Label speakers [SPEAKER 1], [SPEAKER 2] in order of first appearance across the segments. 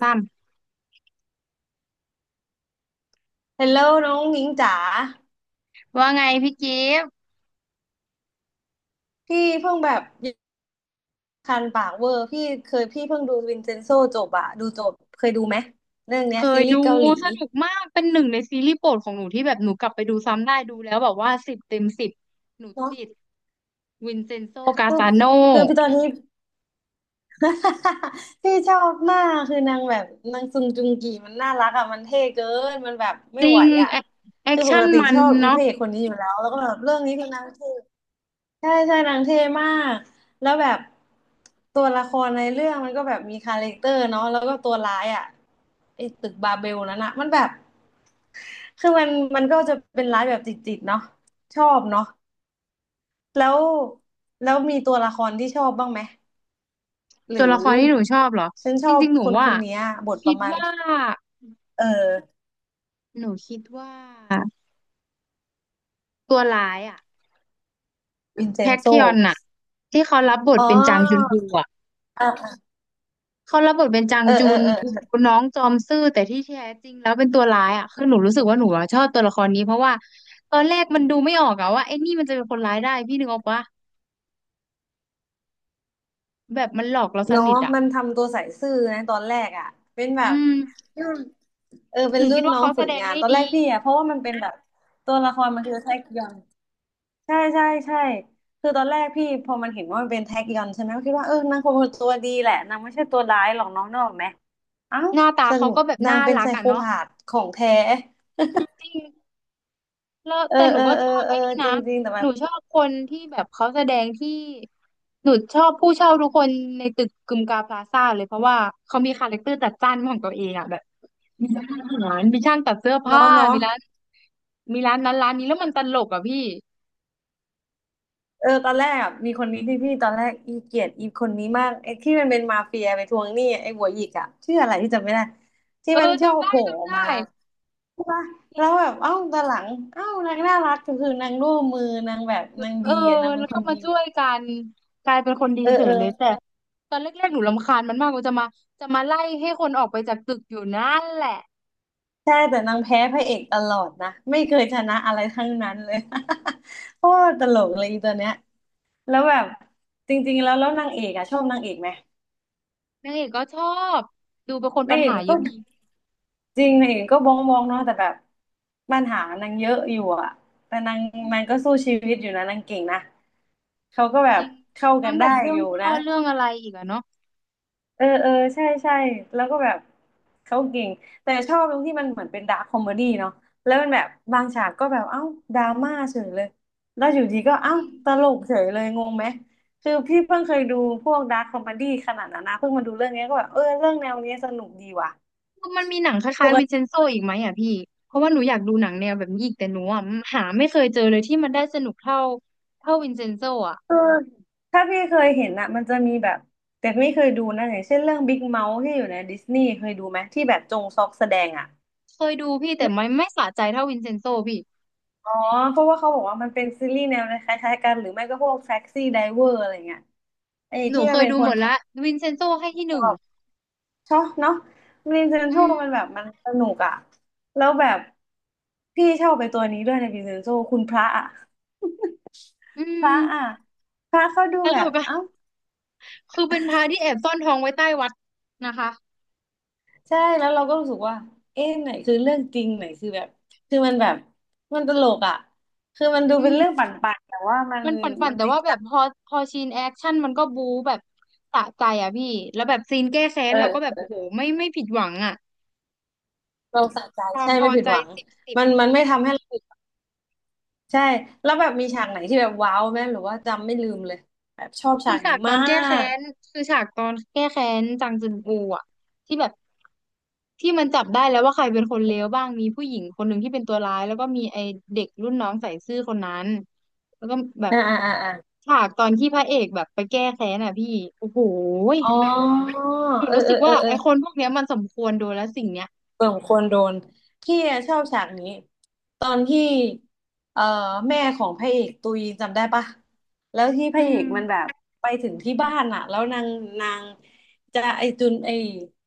[SPEAKER 1] ซ้ำ
[SPEAKER 2] ฮลโหลน้องหญิงจ๋า
[SPEAKER 1] ว่าไงพี่กิฟต์
[SPEAKER 2] พี่เพิ่งแบบคันปากเวอร์พี่เพิ่งดูวินเซนโซจบอะดูจบเคยดูไหมเรื่องเนี้ย
[SPEAKER 1] เค
[SPEAKER 2] ซี
[SPEAKER 1] ย
[SPEAKER 2] รี
[SPEAKER 1] ดู
[SPEAKER 2] ส์เกาหลี
[SPEAKER 1] สนุกมากเป็นหนึ่งในซีรีส์โปรดของหนูที่แบบหนูกลับไปดูซ้ำได้ดูแล้วแบบว่าสิบเต็มสิบหนูติด
[SPEAKER 2] เนาะ
[SPEAKER 1] วินเซนโซกา
[SPEAKER 2] คือ
[SPEAKER 1] ซาโน
[SPEAKER 2] คือพี่ตอนนี้ พี่ชอบมากคือนางแบบนางซุงจุงกีมันน่ารักอะมันเท่เกินมันแบบไม่
[SPEAKER 1] จริ
[SPEAKER 2] ไหว
[SPEAKER 1] ง
[SPEAKER 2] อะ
[SPEAKER 1] แอคแอค
[SPEAKER 2] คือป
[SPEAKER 1] ชั่
[SPEAKER 2] ก
[SPEAKER 1] น
[SPEAKER 2] ติ
[SPEAKER 1] มัน
[SPEAKER 2] ชอบอีพ
[SPEAKER 1] เนาะ
[SPEAKER 2] ระเอกคนนี้อยู่แล้วแล้วก็แบบเรื่องนี้คือนางเท่ ใช่ใช่นางเท่มากแล้วแบบตัวละครในเรื่องมันก็แบบมีคาแรคเตอร์เนาะแล้วก็ตัวร้ายอ่ะไอ้ตึกบาเบลนั้นอ่ะมันแบบคือมันก็จะเป็นร้ายแบบจิตๆเนาะชอบเนาะแล้วแล้วมีตัวละครที่ชอบบ้างไหมห
[SPEAKER 1] ตั
[SPEAKER 2] รื
[SPEAKER 1] ว
[SPEAKER 2] อ
[SPEAKER 1] ละครที่หนูชอบเหรอ
[SPEAKER 2] ฉันช
[SPEAKER 1] จ
[SPEAKER 2] อบ
[SPEAKER 1] ริงๆหนู
[SPEAKER 2] คนค
[SPEAKER 1] ว่า
[SPEAKER 2] นเนี้ยบทป
[SPEAKER 1] คิ
[SPEAKER 2] ระ
[SPEAKER 1] ด
[SPEAKER 2] มาณ
[SPEAKER 1] ว่า
[SPEAKER 2] เออ
[SPEAKER 1] หนูคิดว่าตัวร้ายอะ
[SPEAKER 2] วินเซ
[SPEAKER 1] แพ
[SPEAKER 2] น
[SPEAKER 1] ค
[SPEAKER 2] โซ
[SPEAKER 1] คิออนอะที่เขารับบท
[SPEAKER 2] อ๋อ
[SPEAKER 1] เป็นจางจุนฮูอะ
[SPEAKER 2] อ่ะ
[SPEAKER 1] เขารับบทเป็นจาง
[SPEAKER 2] เออ
[SPEAKER 1] จุ
[SPEAKER 2] เออ
[SPEAKER 1] น
[SPEAKER 2] เออ
[SPEAKER 1] น้องจอมซื่อแต่ที่แท้จริงแล้วเป็นตัวร้ายอ่ะคือหนูรู้สึกว่าหนูอะชอบตัวละครนี้เพราะว่าตอนแรกมันดูไม่ออกอะว่าไอ้นี่มันจะเป็นคนร้ายได้พี่นึกออกปะแบบมันหลอกเราส
[SPEAKER 2] เนาะ
[SPEAKER 1] นิทอ่ะ
[SPEAKER 2] มันทำตัวใส่ซื่อนะตอนแรกอ่ะเป็นแบ
[SPEAKER 1] อื
[SPEAKER 2] บ
[SPEAKER 1] ม
[SPEAKER 2] เออเป็
[SPEAKER 1] ห
[SPEAKER 2] น
[SPEAKER 1] นู
[SPEAKER 2] รุ่
[SPEAKER 1] คิด
[SPEAKER 2] น
[SPEAKER 1] ว่า
[SPEAKER 2] น้อง
[SPEAKER 1] เขาแส
[SPEAKER 2] ฝึก
[SPEAKER 1] ดง
[SPEAKER 2] งาน
[SPEAKER 1] ได้
[SPEAKER 2] ตอนแร
[SPEAKER 1] ดี
[SPEAKER 2] กพี่อ่ะเพราะว่ามันเป็นแบบตัวละครมันคือแท็กยอนใช่ใช่ใช่คือตอนแรกพี่พอมันเห็นว่ามันเป็นแท็กยอนใช่ไหมก็คิดว่าเออนางคงเป็นตัวดีแหละนางไม่ใช่ตัวร้ายหรอกน้องนึกออกไหมเอ้า
[SPEAKER 1] หน้าตา
[SPEAKER 2] ส
[SPEAKER 1] เขา
[SPEAKER 2] รุป
[SPEAKER 1] ก็แบบ
[SPEAKER 2] นาง
[SPEAKER 1] น่า
[SPEAKER 2] เป็น
[SPEAKER 1] รั
[SPEAKER 2] ไซ
[SPEAKER 1] ก
[SPEAKER 2] โค
[SPEAKER 1] อ่ะเนาะ
[SPEAKER 2] พาธของแท้
[SPEAKER 1] จริงแล้ว
[SPEAKER 2] เออ
[SPEAKER 1] แต่หนู
[SPEAKER 2] เออ
[SPEAKER 1] ก็
[SPEAKER 2] เอ
[SPEAKER 1] ช
[SPEAKER 2] อ
[SPEAKER 1] อบ
[SPEAKER 2] เออ
[SPEAKER 1] ไอ้นี่
[SPEAKER 2] จ
[SPEAKER 1] นะ
[SPEAKER 2] ริงจริงแต่แบ
[SPEAKER 1] หนู
[SPEAKER 2] บ
[SPEAKER 1] ชอบคนที่แบบเขาแสดงที่หนูชอบผู้เช่าทุกคนในตึกกึมกาพลาซ่าเลยเพราะว่าเขามีคาแรคเตอร์จัดจ้านของตัวเองอ่ะแบบ มีร้านอาหารมีช่างตัดเสื้อผ้า
[SPEAKER 2] เนาะเนาะ
[SPEAKER 1] มีร้านมีร้านนั้นร้านนี้แล้วมันตลกอ่ะพี่
[SPEAKER 2] เออตอนแรกอะมีคนนี้ที่พี่ตอนแรกอีเกลียดอีคนนี้มากไอ้ที่มันเป็นมาเฟียไปทวงหนี้ไอ้หัวหยิกอ่ะชื่ออะไรที่จำไม่ได้ที่
[SPEAKER 1] เอ
[SPEAKER 2] มัน
[SPEAKER 1] อ
[SPEAKER 2] ชอ
[SPEAKER 1] จำ
[SPEAKER 2] บโผ
[SPEAKER 1] ได้
[SPEAKER 2] ล่
[SPEAKER 1] จำ
[SPEAKER 2] ออกมา
[SPEAKER 1] ได้
[SPEAKER 2] ว่าแล้วแบบเอ้าตอนหลังเอ้านางน่ารักก็คือนางร่วมมือนางแบบนาง
[SPEAKER 1] เออ
[SPEAKER 2] ดีอ่ะนางเป็
[SPEAKER 1] แล้
[SPEAKER 2] น
[SPEAKER 1] ว
[SPEAKER 2] ค
[SPEAKER 1] ก็
[SPEAKER 2] น
[SPEAKER 1] มา
[SPEAKER 2] ดี
[SPEAKER 1] ช่วยกันกลายเป็นคนดี
[SPEAKER 2] เออ
[SPEAKER 1] เฉ
[SPEAKER 2] เอ
[SPEAKER 1] ย
[SPEAKER 2] อ
[SPEAKER 1] เลยแต่ตอนแรกๆหนูรำคาญมันมากว่าจะมาจะมาไล่ให้คนออกไปจากตึกอยู่นั่นแหละ
[SPEAKER 2] ใช่แต่นางแพ้พระเอกตลอดนะไม่เคยชนะอะไรทั้งนั้นเลย โคตรตลกเลยอีตัวเนี้ยแล้วแบบจริงๆแล้วนางเอกอะชอบนางเอกไหม
[SPEAKER 1] นางเอกก็ชอบดูเป็นคน
[SPEAKER 2] นา
[SPEAKER 1] ปั
[SPEAKER 2] ง
[SPEAKER 1] ญ
[SPEAKER 2] เอก
[SPEAKER 1] หา
[SPEAKER 2] มัน
[SPEAKER 1] เย
[SPEAKER 2] ก็
[SPEAKER 1] อะดี
[SPEAKER 2] จริงนางเอกก็บ้องบ้องเนาะแต่แบบปัญหานางเยอะอยู่อะแต่นางก็สู้ชีวิตอยู่นะนางเก่งนะเขาก็แบ
[SPEAKER 1] จ
[SPEAKER 2] บ
[SPEAKER 1] ริง
[SPEAKER 2] เข้า
[SPEAKER 1] ทั้
[SPEAKER 2] กั
[SPEAKER 1] ง
[SPEAKER 2] น
[SPEAKER 1] แบ
[SPEAKER 2] ได้
[SPEAKER 1] บเรื่อ
[SPEAKER 2] อ
[SPEAKER 1] ง
[SPEAKER 2] ยู่
[SPEAKER 1] พ่
[SPEAKER 2] นะ
[SPEAKER 1] อเรื่องอะไรอีกอะเนาะ
[SPEAKER 2] เออเออใช่ใช่แล้วก็แบบเขาเก่งแต่ชอบตรงที่มันเหมือนเป็นดาร์คคอมเมดี้เนาะแล้วมันแบบบางฉากก็แบบเอ้าดราม่าเฉยเลยแล้วอยู่ดีก็เอ้า
[SPEAKER 1] จริง
[SPEAKER 2] ตลกเฉยเลยงงไหมคือพี่เพิ่งเคยดูพวกดาร์คคอมเมดี้ขนาดนั้นนะเพิ่งมาดูเรื่องเนี้ยก็แบบเออเรื่องแนวเนี้ยสนุกดีว่ะ
[SPEAKER 1] มันมีหนังค
[SPEAKER 2] ป
[SPEAKER 1] ล้ายๆวิ
[SPEAKER 2] ก
[SPEAKER 1] นเซ
[SPEAKER 2] ติ
[SPEAKER 1] นโซอีกไหมอ่ะพี่เพราะว่าหนูอยากดูหนังแนวแบบนี้อีกแต่หนูอ่ะหาไม่เคยเจอเลยที่มันได้สนุกเท่าเท่าวินเซนโซอ่ะ
[SPEAKER 2] เออถ้าพี่เคยเห็นอะมันจะมีแบบแต่ไม่เคยดูนะอย่างเช่นเรื่องบิ๊กเมาที่อยู่ในดิสนีย์เคยดูไหมที่แบบจงซอกแสดงอะ
[SPEAKER 1] เคยดูพี่แต่ไม่สะใจเท่าวินเซนโซพี่
[SPEAKER 2] อ๋อเพราะว่าเขาบอกว่ามันเป็นซีรีส์แนวคล้ายๆกันหรือไม่ก็พวกแท็กซี่ไดเวอร์อะไรเงี้ยไอ้
[SPEAKER 1] หนู
[SPEAKER 2] ที่
[SPEAKER 1] เค
[SPEAKER 2] มัน
[SPEAKER 1] ย
[SPEAKER 2] เป็น
[SPEAKER 1] ดู
[SPEAKER 2] ค
[SPEAKER 1] หม
[SPEAKER 2] น
[SPEAKER 1] ด
[SPEAKER 2] ขั
[SPEAKER 1] ละ
[SPEAKER 2] บ
[SPEAKER 1] วินเซนโซให้ที่ห
[SPEAKER 2] ชอ
[SPEAKER 1] นึ่ง
[SPEAKER 2] บชอบเนาะวินเซน
[SPEAKER 1] อื
[SPEAKER 2] โซ
[SPEAKER 1] ม
[SPEAKER 2] มันแบบมันสนุกอะแล้วแบบพี่ชอบไปตัวนี้ด้วยในวินเซนโซคุณพระอะ
[SPEAKER 1] อื
[SPEAKER 2] พระอะ
[SPEAKER 1] ม
[SPEAKER 2] พระเขาดู
[SPEAKER 1] ต
[SPEAKER 2] แบ
[SPEAKER 1] ล
[SPEAKER 2] บ
[SPEAKER 1] กอ่ะ
[SPEAKER 2] เอ้า
[SPEAKER 1] คือเป็นพระที่แอบซ่อนทองไว้ใต้วัดนะคะ
[SPEAKER 2] ใช่แล้วเราก็รู้สึกว่าเอ๊ะไหนคือเรื่องจริงไหนคือแบบคือมันแบบมันตลกอะคือมันดู
[SPEAKER 1] อื
[SPEAKER 2] เป็นเรื่อง
[SPEAKER 1] ม
[SPEAKER 2] ปั่นๆแต่ว่ามัน
[SPEAKER 1] มันปั่น
[SPEAKER 2] มั
[SPEAKER 1] ๆ
[SPEAKER 2] น
[SPEAKER 1] แต่
[SPEAKER 2] จริง
[SPEAKER 1] ว่าแบ
[SPEAKER 2] จั
[SPEAKER 1] บ
[SPEAKER 2] ง
[SPEAKER 1] พอพอซีนแอคชั่นมันก็บู๊แบบสะใจอ่ะพี่แล้วแบบซีนแก้แค้
[SPEAKER 2] เ
[SPEAKER 1] นเราก็แบบ
[SPEAKER 2] ออ
[SPEAKER 1] โอ้โหไม่ผิดหวังอ่ะ
[SPEAKER 2] เราสะใจ
[SPEAKER 1] ความ
[SPEAKER 2] ใช่
[SPEAKER 1] พ
[SPEAKER 2] ไม่
[SPEAKER 1] อ
[SPEAKER 2] ผิด
[SPEAKER 1] ใจ
[SPEAKER 2] หวัง
[SPEAKER 1] สิบสิบ
[SPEAKER 2] มันไม่ทำให้เรา ใช่ แล้วแบบมีฉากไหนที่แบบว้าวไหมหรือว่าจำไม่ลืมเลยแบบชอบ
[SPEAKER 1] คื
[SPEAKER 2] ฉา
[SPEAKER 1] อ
[SPEAKER 2] ก
[SPEAKER 1] ฉา
[SPEAKER 2] นี้
[SPEAKER 1] กตอ
[SPEAKER 2] มา
[SPEAKER 1] นแก้แค้
[SPEAKER 2] ก
[SPEAKER 1] นคือฉากตอนแก้แค้นจางจึนอูอ่ะที่แบบที่มันจับได้แล้วว่าใครเป็นคนเลวบ้างมีผู้หญิงคนหนึ่งที่เป็นตัวร้ายแล้วก็มีไอเด็กรุ่นน้องใส่ซื่อคนนั้นแล้วก็แบบ
[SPEAKER 2] อ่าอ่าอ่าอา
[SPEAKER 1] ฉากตอนที่พระเอกแบบไปแก้แค้นอ่ะพี่โอ้โหย
[SPEAKER 2] อ๋อ
[SPEAKER 1] หนู
[SPEAKER 2] เออ
[SPEAKER 1] รู้
[SPEAKER 2] เอ
[SPEAKER 1] สึก
[SPEAKER 2] อเอ
[SPEAKER 1] ว่า
[SPEAKER 2] อเอ
[SPEAKER 1] ไอ
[SPEAKER 2] อ
[SPEAKER 1] คนพวกเนี้ยมันสมควรโดนแล้วสิ่งเนี้ย
[SPEAKER 2] สมควรโดนพี่อะชอบฉากนี้ตอนที่เอ่อแม่ของพระเอกตุยจำได้ปะแล้วที่พ
[SPEAKER 1] อื
[SPEAKER 2] ระเอก
[SPEAKER 1] ม
[SPEAKER 2] มันแบบไปถึงที่บ้านอะแล้วนางจะไอจุนไอ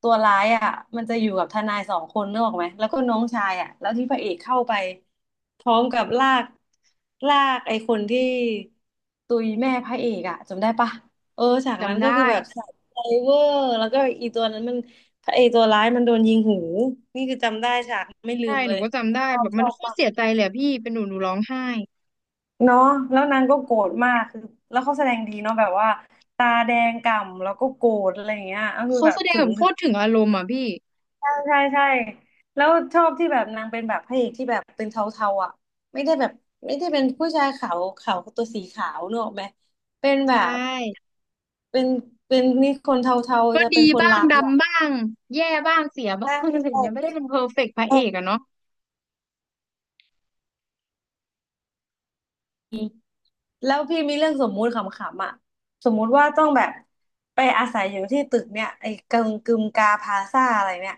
[SPEAKER 2] ตัวร้ายอะมันจะอยู่กับทนายสองคนนึกออกไหมแล้วก็น้องชายอะแล้วที่พระเอกเข้าไปพร้อมกับลากไอคนที่ตุยแม่พระเอกอะจำได้ปะเออฉากนั้น
[SPEAKER 1] จำ
[SPEAKER 2] ก็คือ
[SPEAKER 1] ได้
[SPEAKER 2] แบบใส่ไซเวอร์แล้วก็อีตัวนั้นมัน พระเอกตัวร้ายมันโดนยิงหูนี่คือจำได้ฉากไม่ลื
[SPEAKER 1] ใช่
[SPEAKER 2] ม
[SPEAKER 1] ห
[SPEAKER 2] เล
[SPEAKER 1] นู
[SPEAKER 2] ย
[SPEAKER 1] ก็จำได้
[SPEAKER 2] ชอ
[SPEAKER 1] แบ
[SPEAKER 2] บ
[SPEAKER 1] บ
[SPEAKER 2] ช
[SPEAKER 1] มัน
[SPEAKER 2] อบ
[SPEAKER 1] โคตร
[SPEAKER 2] มาก
[SPEAKER 1] เสียใจเลยอะพี่เป็นหนูหนูร้องไห้
[SPEAKER 2] เนาะแล้วนางก็โกรธมากคือแล้วเขาแสดงดีเนาะแบบว่าตาแดงก่ำแล้วก็โกรธอะไรอย่างเงี้ยก็คือ
[SPEAKER 1] เขา
[SPEAKER 2] แบบ
[SPEAKER 1] แสดง
[SPEAKER 2] ถึ
[SPEAKER 1] แบ
[SPEAKER 2] ง
[SPEAKER 1] บโค
[SPEAKER 2] ถึง
[SPEAKER 1] ตรถึงอารมณ์อ่ะพี่
[SPEAKER 2] ใช่ใช่ใช่แล้วชอบที่แบบนางเป็นแบบพระเอกที่แบบเป็นเทาๆอ่ะไม่ได้แบบไม่ได้เป็นผู้ชายขาวขาวตัวสีขาวเนกอะไหมเป็นแบ
[SPEAKER 1] ใช่
[SPEAKER 2] บเป็นนี่คนเทา
[SPEAKER 1] ก็
[SPEAKER 2] ๆจะ
[SPEAKER 1] ดี
[SPEAKER 2] เป็นคน
[SPEAKER 1] บ้าง
[SPEAKER 2] ร้ายอ่ะ
[SPEAKER 1] ดำบ้างแย่บ้างเสียบ้าง
[SPEAKER 2] ใช่
[SPEAKER 1] อะไร
[SPEAKER 2] ใ
[SPEAKER 1] อย่างเงี้ยไม่ได้
[SPEAKER 2] ช่
[SPEAKER 1] เป็นเพอร์เฟกต์พระเอกอะเนาะ
[SPEAKER 2] แล้วพี่มีเรื่องสมมุติขำๆอ่ะสมมุติว่าต้องแบบไปอาศัยอยู่ที่ตึกเนี่ยไอ้กึมกาพาซ่าอะไรเนี่ย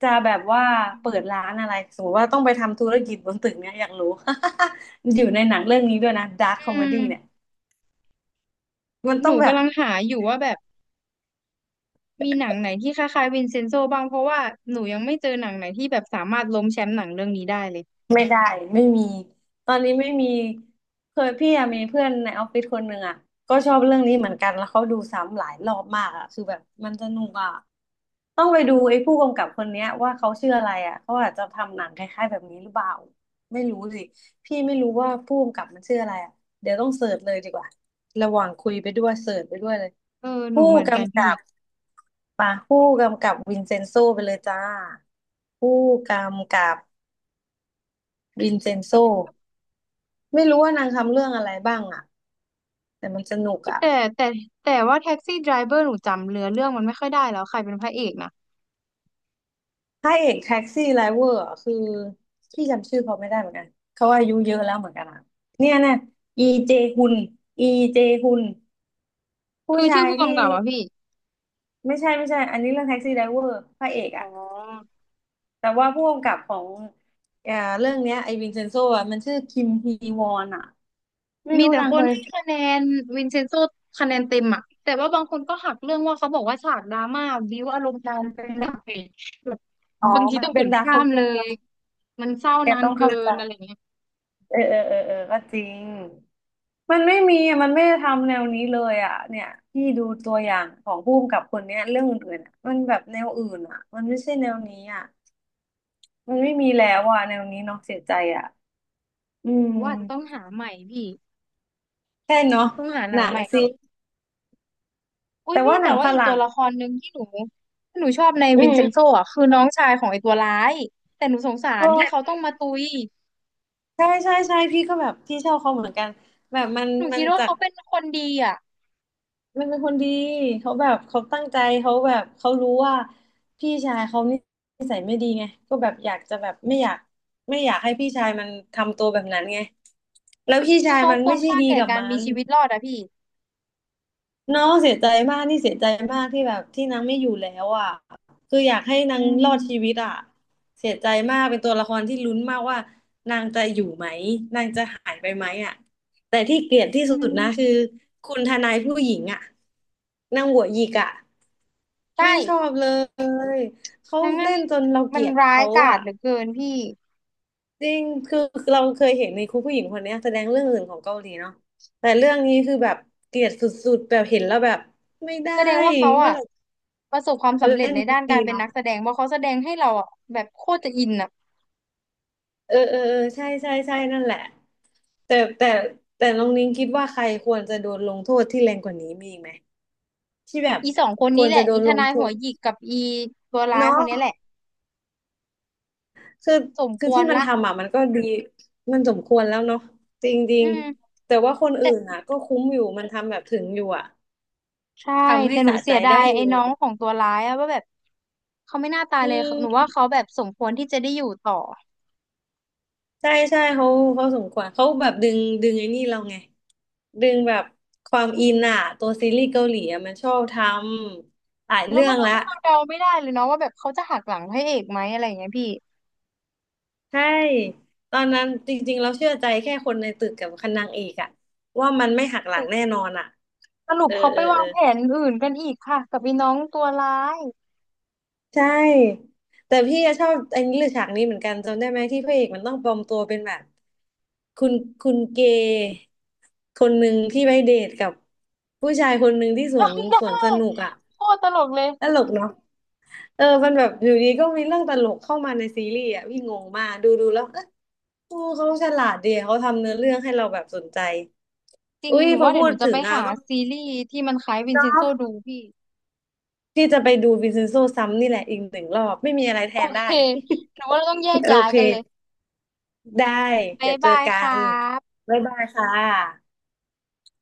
[SPEAKER 2] จะแบบว่าเปิดร้านอะไรสมมติว่าต้องไปทำธุรกิจบนตึกเนี่ยอยากรู้ อยู่ในหนังเรื่องนี้ด้วยนะดาร์คคอม
[SPEAKER 1] อื
[SPEAKER 2] เม
[SPEAKER 1] ม
[SPEAKER 2] ดี้เนี่ยมัน
[SPEAKER 1] ห
[SPEAKER 2] ต้อ
[SPEAKER 1] นู
[SPEAKER 2] งแบบ
[SPEAKER 1] กำลังหาอยู่ว่าแบบมีหนังไหนที่คล้ายๆวินเซนโซบ้างเพราะว่าหนูยังไม่เจอหนังไหนที่แบบสามารถล้มแชมป์หนังเรื่องนี้ได้เลย
[SPEAKER 2] ไม่ได้ไม่มีตอนนี้ไม่มีเคยพี่อะมีเพื่อนในออฟฟิศคนหนึ่งอะก็ชอบเรื่องนี้เหมือนกันแล้วเขาดูซ้ำหลายรอบมากอะคือแบบมันสนุกอะต้องไปดูไอ้ผู้กำกับคนเนี้ยว่าเขาชื่ออะไรอะเขาอาจจะทำหนังคล้ายๆแบบนี้หรือเปล่าไม่รู้สิพี่ไม่รู้ว่าผู้กำกับมันชื่ออะไรอะเดี๋ยวต้องเสิร์ชเลยดีกว่าระหว่างคุยไปด้วยเสิร์ชไปด้วยเลย
[SPEAKER 1] เออหนู
[SPEAKER 2] ผู้
[SPEAKER 1] เหมือนกัน
[SPEAKER 2] กำ
[SPEAKER 1] พี่
[SPEAKER 2] กับปะผู้กำกับวินเซนโซไปเลยจ้าผู้กำกับวินเซนโซ ไม่รู้ว่านางทำเรื่องอะไรบ้างอ่ะแต่มันสนุกอ่ะ
[SPEAKER 1] แต่แต่แต่ว่าแท็กซี่ไดรเวอร์หนูจำเนื้อเรื่องมันไม่ค่อยได้แล้วใครเป็นพระเอกนะ
[SPEAKER 2] พระเอกแท็กซี่ไดรเวอร์อะคือพี่จำชื่อเขาไม่ได้เหมือนกันเขาอายุเยอะแล้วเหมือนกันอะเนี่ยเนี่ยอีเจฮุนอีเจฮุนผู้
[SPEAKER 1] คือ
[SPEAKER 2] ชา
[SPEAKER 1] ชื่อ
[SPEAKER 2] ย
[SPEAKER 1] ผู้
[SPEAKER 2] ที่
[SPEAKER 1] กำกับอะพี่
[SPEAKER 2] ไม่ใช่ไม่ใช่อันนี้เรื่องแท็กซี่ไดรเวอร์พระเอก
[SPEAKER 1] อ๋อ
[SPEAKER 2] อ่ะแต่ว่าผู้กำกับของเอ่อเรื่องเนี้ยไอวินเซนโซอ่ะมันชื่อคิมฮีวอนอ่ะไม่
[SPEAKER 1] มี
[SPEAKER 2] รู้
[SPEAKER 1] แต่
[SPEAKER 2] นาง
[SPEAKER 1] ค
[SPEAKER 2] เค
[SPEAKER 1] น
[SPEAKER 2] ย
[SPEAKER 1] ให้คะแนนวินเซนโซคะแนนเต็มอะแต่ว่าบางคนก็หักเรื่องว่าเขาบอกว่าฉากดราม่าบิ้วอารมณ์นานไปหน่อยแบบ
[SPEAKER 2] อ๋อ
[SPEAKER 1] บางที
[SPEAKER 2] มัน
[SPEAKER 1] ต้องก
[SPEAKER 2] เป็น
[SPEAKER 1] ด
[SPEAKER 2] ดา
[SPEAKER 1] ข้า
[SPEAKER 2] รา
[SPEAKER 1] มเลยมันเศร้า
[SPEAKER 2] แก
[SPEAKER 1] นาน
[SPEAKER 2] ต้อง
[SPEAKER 1] เกิ
[SPEAKER 2] เข้าใจ
[SPEAKER 1] นอะไรเงี้ย
[SPEAKER 2] เออเออเออเออก็จริงมันไม่มีอะมันไม่ได้ทำแนวนี้เลยอ่ะเนี่ยพี่ดูตัวอย่างของผู้กำกับคนเนี้ยเรื่องอื่นๆอะมันแบบแนวอื่นอ่ะมันไม่ใช่แนวนี้อ่ะมันไม่มีแล้วอ่ะแนวนี้เนาะเสียใจอ่ะอื
[SPEAKER 1] หนูว่าอาจจะต้อง
[SPEAKER 2] ม
[SPEAKER 1] หาใหม่พี่
[SPEAKER 2] ใช่เนาะ
[SPEAKER 1] ต้องหาห
[SPEAKER 2] ห
[SPEAKER 1] นั
[SPEAKER 2] นั
[SPEAKER 1] ง
[SPEAKER 2] ง
[SPEAKER 1] ใหม่ค
[SPEAKER 2] สิ
[SPEAKER 1] รับอุ้ย
[SPEAKER 2] แต่
[SPEAKER 1] พี่
[SPEAKER 2] ว่าห
[SPEAKER 1] แต่
[SPEAKER 2] นัง
[SPEAKER 1] ว่า
[SPEAKER 2] ฝ
[SPEAKER 1] อีกตั
[SPEAKER 2] รั่
[SPEAKER 1] ว
[SPEAKER 2] ง
[SPEAKER 1] ละครหนึ่งที่หนูที่หนูชอบใน
[SPEAKER 2] อื
[SPEAKER 1] วินเซนโซ
[SPEAKER 2] ม
[SPEAKER 1] อ่ะคือน้องชายของไอ้ตัวร้ายแต่หนูสงสารที่เขา
[SPEAKER 2] โอ้
[SPEAKER 1] ต้องมาตุย
[SPEAKER 2] ใช่ใช่ใช่พี่ก็แบบพี่ชอบเขาเหมือนกันแบบมัน
[SPEAKER 1] หนู
[SPEAKER 2] มั
[SPEAKER 1] คิ
[SPEAKER 2] น
[SPEAKER 1] ดว่า
[SPEAKER 2] จาก
[SPEAKER 1] เขาเป็นคนดีอ่ะ
[SPEAKER 2] มันเป็นคนดีเขาแบบเขาตั้งใจเขาแบบเขารู้ว่าพี่ชายเขานิสัยไม่ดีไงก็แบบอยากจะแบบไม่อยากให้พี่ชายมันทำตัวแบบนั้นไงแล้วพี่
[SPEAKER 1] คื
[SPEAKER 2] ชา
[SPEAKER 1] อ
[SPEAKER 2] ย
[SPEAKER 1] เขา
[SPEAKER 2] มัน
[SPEAKER 1] คว
[SPEAKER 2] ไม่
[SPEAKER 1] ร
[SPEAKER 2] ใช่
[SPEAKER 1] ค่า
[SPEAKER 2] ดี
[SPEAKER 1] แก่
[SPEAKER 2] กับ
[SPEAKER 1] การ
[SPEAKER 2] มั
[SPEAKER 1] มี
[SPEAKER 2] น
[SPEAKER 1] ชีวิตรอดอะพี่
[SPEAKER 2] เนาะเสียใจมากนี่เสียใจมากที่แบบที่นางไม่อยู่แล้วอ่ะคืออยากให้นา
[SPEAKER 1] อื
[SPEAKER 2] งรอดชีวิ
[SPEAKER 1] ม
[SPEAKER 2] ตอ่ะเสียใจมากเป็นตัวละครที่ลุ้นมากว่านางจะอยู่ไหมนางจะหายไปไหมอ่ะแต่ที่เกลียดที่
[SPEAKER 1] อื
[SPEAKER 2] สุดนะคือ
[SPEAKER 1] ม
[SPEAKER 2] คุณทนายผู้หญิงอ่ะนางหัวหยิกอ่ะ
[SPEAKER 1] ใช่
[SPEAKER 2] ไม่ชอบเลยเขา
[SPEAKER 1] นางนั่น
[SPEAKER 2] เล่น
[SPEAKER 1] นี่
[SPEAKER 2] จนเราเก
[SPEAKER 1] มัน
[SPEAKER 2] ลียด
[SPEAKER 1] ร้าย
[SPEAKER 2] เขา
[SPEAKER 1] กาจ
[SPEAKER 2] อ่ะ
[SPEAKER 1] เหลือเกินพี่
[SPEAKER 2] จริงคือเราเคยเห็นในครูผู้หญิงคนเนี้ยแสดงเรื่องอื่นของเกาหลีเนาะแต่เรื่องนี้คือแบบเกลียดสุดๆแบบเห็นแล้วแบบไม่ได้
[SPEAKER 1] แสดงว่าเขา
[SPEAKER 2] เมื่อ
[SPEAKER 1] อ่ะ
[SPEAKER 2] ไหร่
[SPEAKER 1] ประสบความ
[SPEAKER 2] เขา
[SPEAKER 1] สำเร็จ
[SPEAKER 2] เล่น
[SPEAKER 1] ในด้านกา
[SPEAKER 2] ดี
[SPEAKER 1] รเป็น
[SPEAKER 2] เนาะ
[SPEAKER 1] นักแสดงเพราะเขาแสดงให้เราอ่ะแบบโคตรจะอินอ่ะ
[SPEAKER 2] เออเออเออใช่ใช่ใช่นั่นแหละ แต่แต่แต่น้องนิ้งคิดว่าใครควรจะโดนลงโทษที่แรงกว่านี้มีอีกไหมที่แบบ
[SPEAKER 1] อีสองคน
[SPEAKER 2] ค
[SPEAKER 1] นี้
[SPEAKER 2] วร
[SPEAKER 1] แห
[SPEAKER 2] จะ
[SPEAKER 1] ละ
[SPEAKER 2] โด
[SPEAKER 1] อี
[SPEAKER 2] น
[SPEAKER 1] ท
[SPEAKER 2] ลง
[SPEAKER 1] นาย
[SPEAKER 2] โท
[SPEAKER 1] หัว
[SPEAKER 2] ษ
[SPEAKER 1] หยิกกับอีตัวร้ายค
[SPEAKER 2] เนาะ
[SPEAKER 1] นนี้แหละ
[SPEAKER 2] คือ
[SPEAKER 1] สมค
[SPEAKER 2] คือ
[SPEAKER 1] ว
[SPEAKER 2] ที่
[SPEAKER 1] ร
[SPEAKER 2] มัน
[SPEAKER 1] ละ
[SPEAKER 2] ทำอ่ะมันก็ดีมันสมควรแล้วเนาะจริงจริ
[SPEAKER 1] อื
[SPEAKER 2] ง
[SPEAKER 1] ม
[SPEAKER 2] แต่ว่าคนอื่
[SPEAKER 1] แต่
[SPEAKER 2] นอ่ะก็คุ้มอยู่มันทำแบบถึงอยู่อ่ะ
[SPEAKER 1] ใช่
[SPEAKER 2] ทำให้
[SPEAKER 1] แต่หนู
[SPEAKER 2] สะ
[SPEAKER 1] เสี
[SPEAKER 2] ใจ
[SPEAKER 1] ยดา
[SPEAKER 2] ได้
[SPEAKER 1] ย
[SPEAKER 2] อ
[SPEAKER 1] ไอ้
[SPEAKER 2] ยู่
[SPEAKER 1] น้องของตัวร้ายอะว่าแบบเขาไม่น่าตาย
[SPEAKER 2] อื
[SPEAKER 1] เลยหนูว่า
[SPEAKER 2] ม
[SPEAKER 1] เขาแบบสมควรที่จะได้อยู่ต่อ
[SPEAKER 2] ใช่ใช่เขาเขาสมควรเขาแบบดึงไอ้นี่เราไงดึงแบบความอินอะตัวซีรีส์เกาหลีอะมันชอบทำหลาย
[SPEAKER 1] แล้ว
[SPEAKER 2] เรื่อ
[SPEAKER 1] มัน
[SPEAKER 2] ง
[SPEAKER 1] ทำ
[SPEAKER 2] ละ
[SPEAKER 1] ให้เราเดาไม่ได้เลยเนาะว่าแบบเขาจะหักหลังพระเอกไหมอะไรอย่างเงี้ยพี่
[SPEAKER 2] ใช่ตอนนั้นจริงๆเราเชื่อใจแค่คนในตึกกับคันนางเอกอะว่ามันไม่หักหลังแน่นอนอะ
[SPEAKER 1] สรุ
[SPEAKER 2] เอ
[SPEAKER 1] ป
[SPEAKER 2] อ
[SPEAKER 1] เขา
[SPEAKER 2] เอ
[SPEAKER 1] ไป
[SPEAKER 2] อเอ
[SPEAKER 1] วา
[SPEAKER 2] อ
[SPEAKER 1] งแผนอื่นกันอีกค่ะกับอีน้องตัวร้าย
[SPEAKER 2] ใช่แต่พี่อะชอบไอ้นี้หรือฉากนี้เหมือนกันจำได้ไหมที่พระเอกมันต้องปลอมตัวเป็นแบบคุณคุณเกย์คนหนึ่งที่ไปเดทกับผู้ชายคนหนึ่งที่สวนสวนสนุกอะ
[SPEAKER 1] จำได้โคตรตลกเลย
[SPEAKER 2] ตลกเนาะเออมันแบบอยู่ดีก็มีเรื่องตลกเข้ามาในซีรีส์อะพี่งงมากดูแล้วเอ๊ะโอ้เขาฉลาดดีเขาทำเนื้อเรื่องให้เราแบบสนใจ
[SPEAKER 1] จริง
[SPEAKER 2] อุ้ย
[SPEAKER 1] หนู
[SPEAKER 2] พอ
[SPEAKER 1] ว่าเดี๋ย
[SPEAKER 2] พู
[SPEAKER 1] วห
[SPEAKER 2] ด
[SPEAKER 1] นูจะ
[SPEAKER 2] ถึ
[SPEAKER 1] ไป
[SPEAKER 2] งอะ
[SPEAKER 1] หา
[SPEAKER 2] ต้อง
[SPEAKER 1] ซีรีส์ที่มันคล้ายวิน
[SPEAKER 2] เนา
[SPEAKER 1] เชนโซ
[SPEAKER 2] ะ
[SPEAKER 1] ดูพี่
[SPEAKER 2] พี่จะไปดูวินเซนโซซ้ำนี่แหละอีกหนึ่งรอบไม่มีอะไรแท
[SPEAKER 1] โอ
[SPEAKER 2] น
[SPEAKER 1] เค
[SPEAKER 2] ได้
[SPEAKER 1] หนูว่าเราต้องแยก
[SPEAKER 2] โอ
[SPEAKER 1] ย้าย
[SPEAKER 2] เค
[SPEAKER 1] กันเลย
[SPEAKER 2] ได้
[SPEAKER 1] บ๊า
[SPEAKER 2] เดี๋
[SPEAKER 1] ย
[SPEAKER 2] ยวเจอ
[SPEAKER 1] บาย
[SPEAKER 2] กั
[SPEAKER 1] ค่
[SPEAKER 2] น
[SPEAKER 1] ะ
[SPEAKER 2] บ๊ายบายค่ะ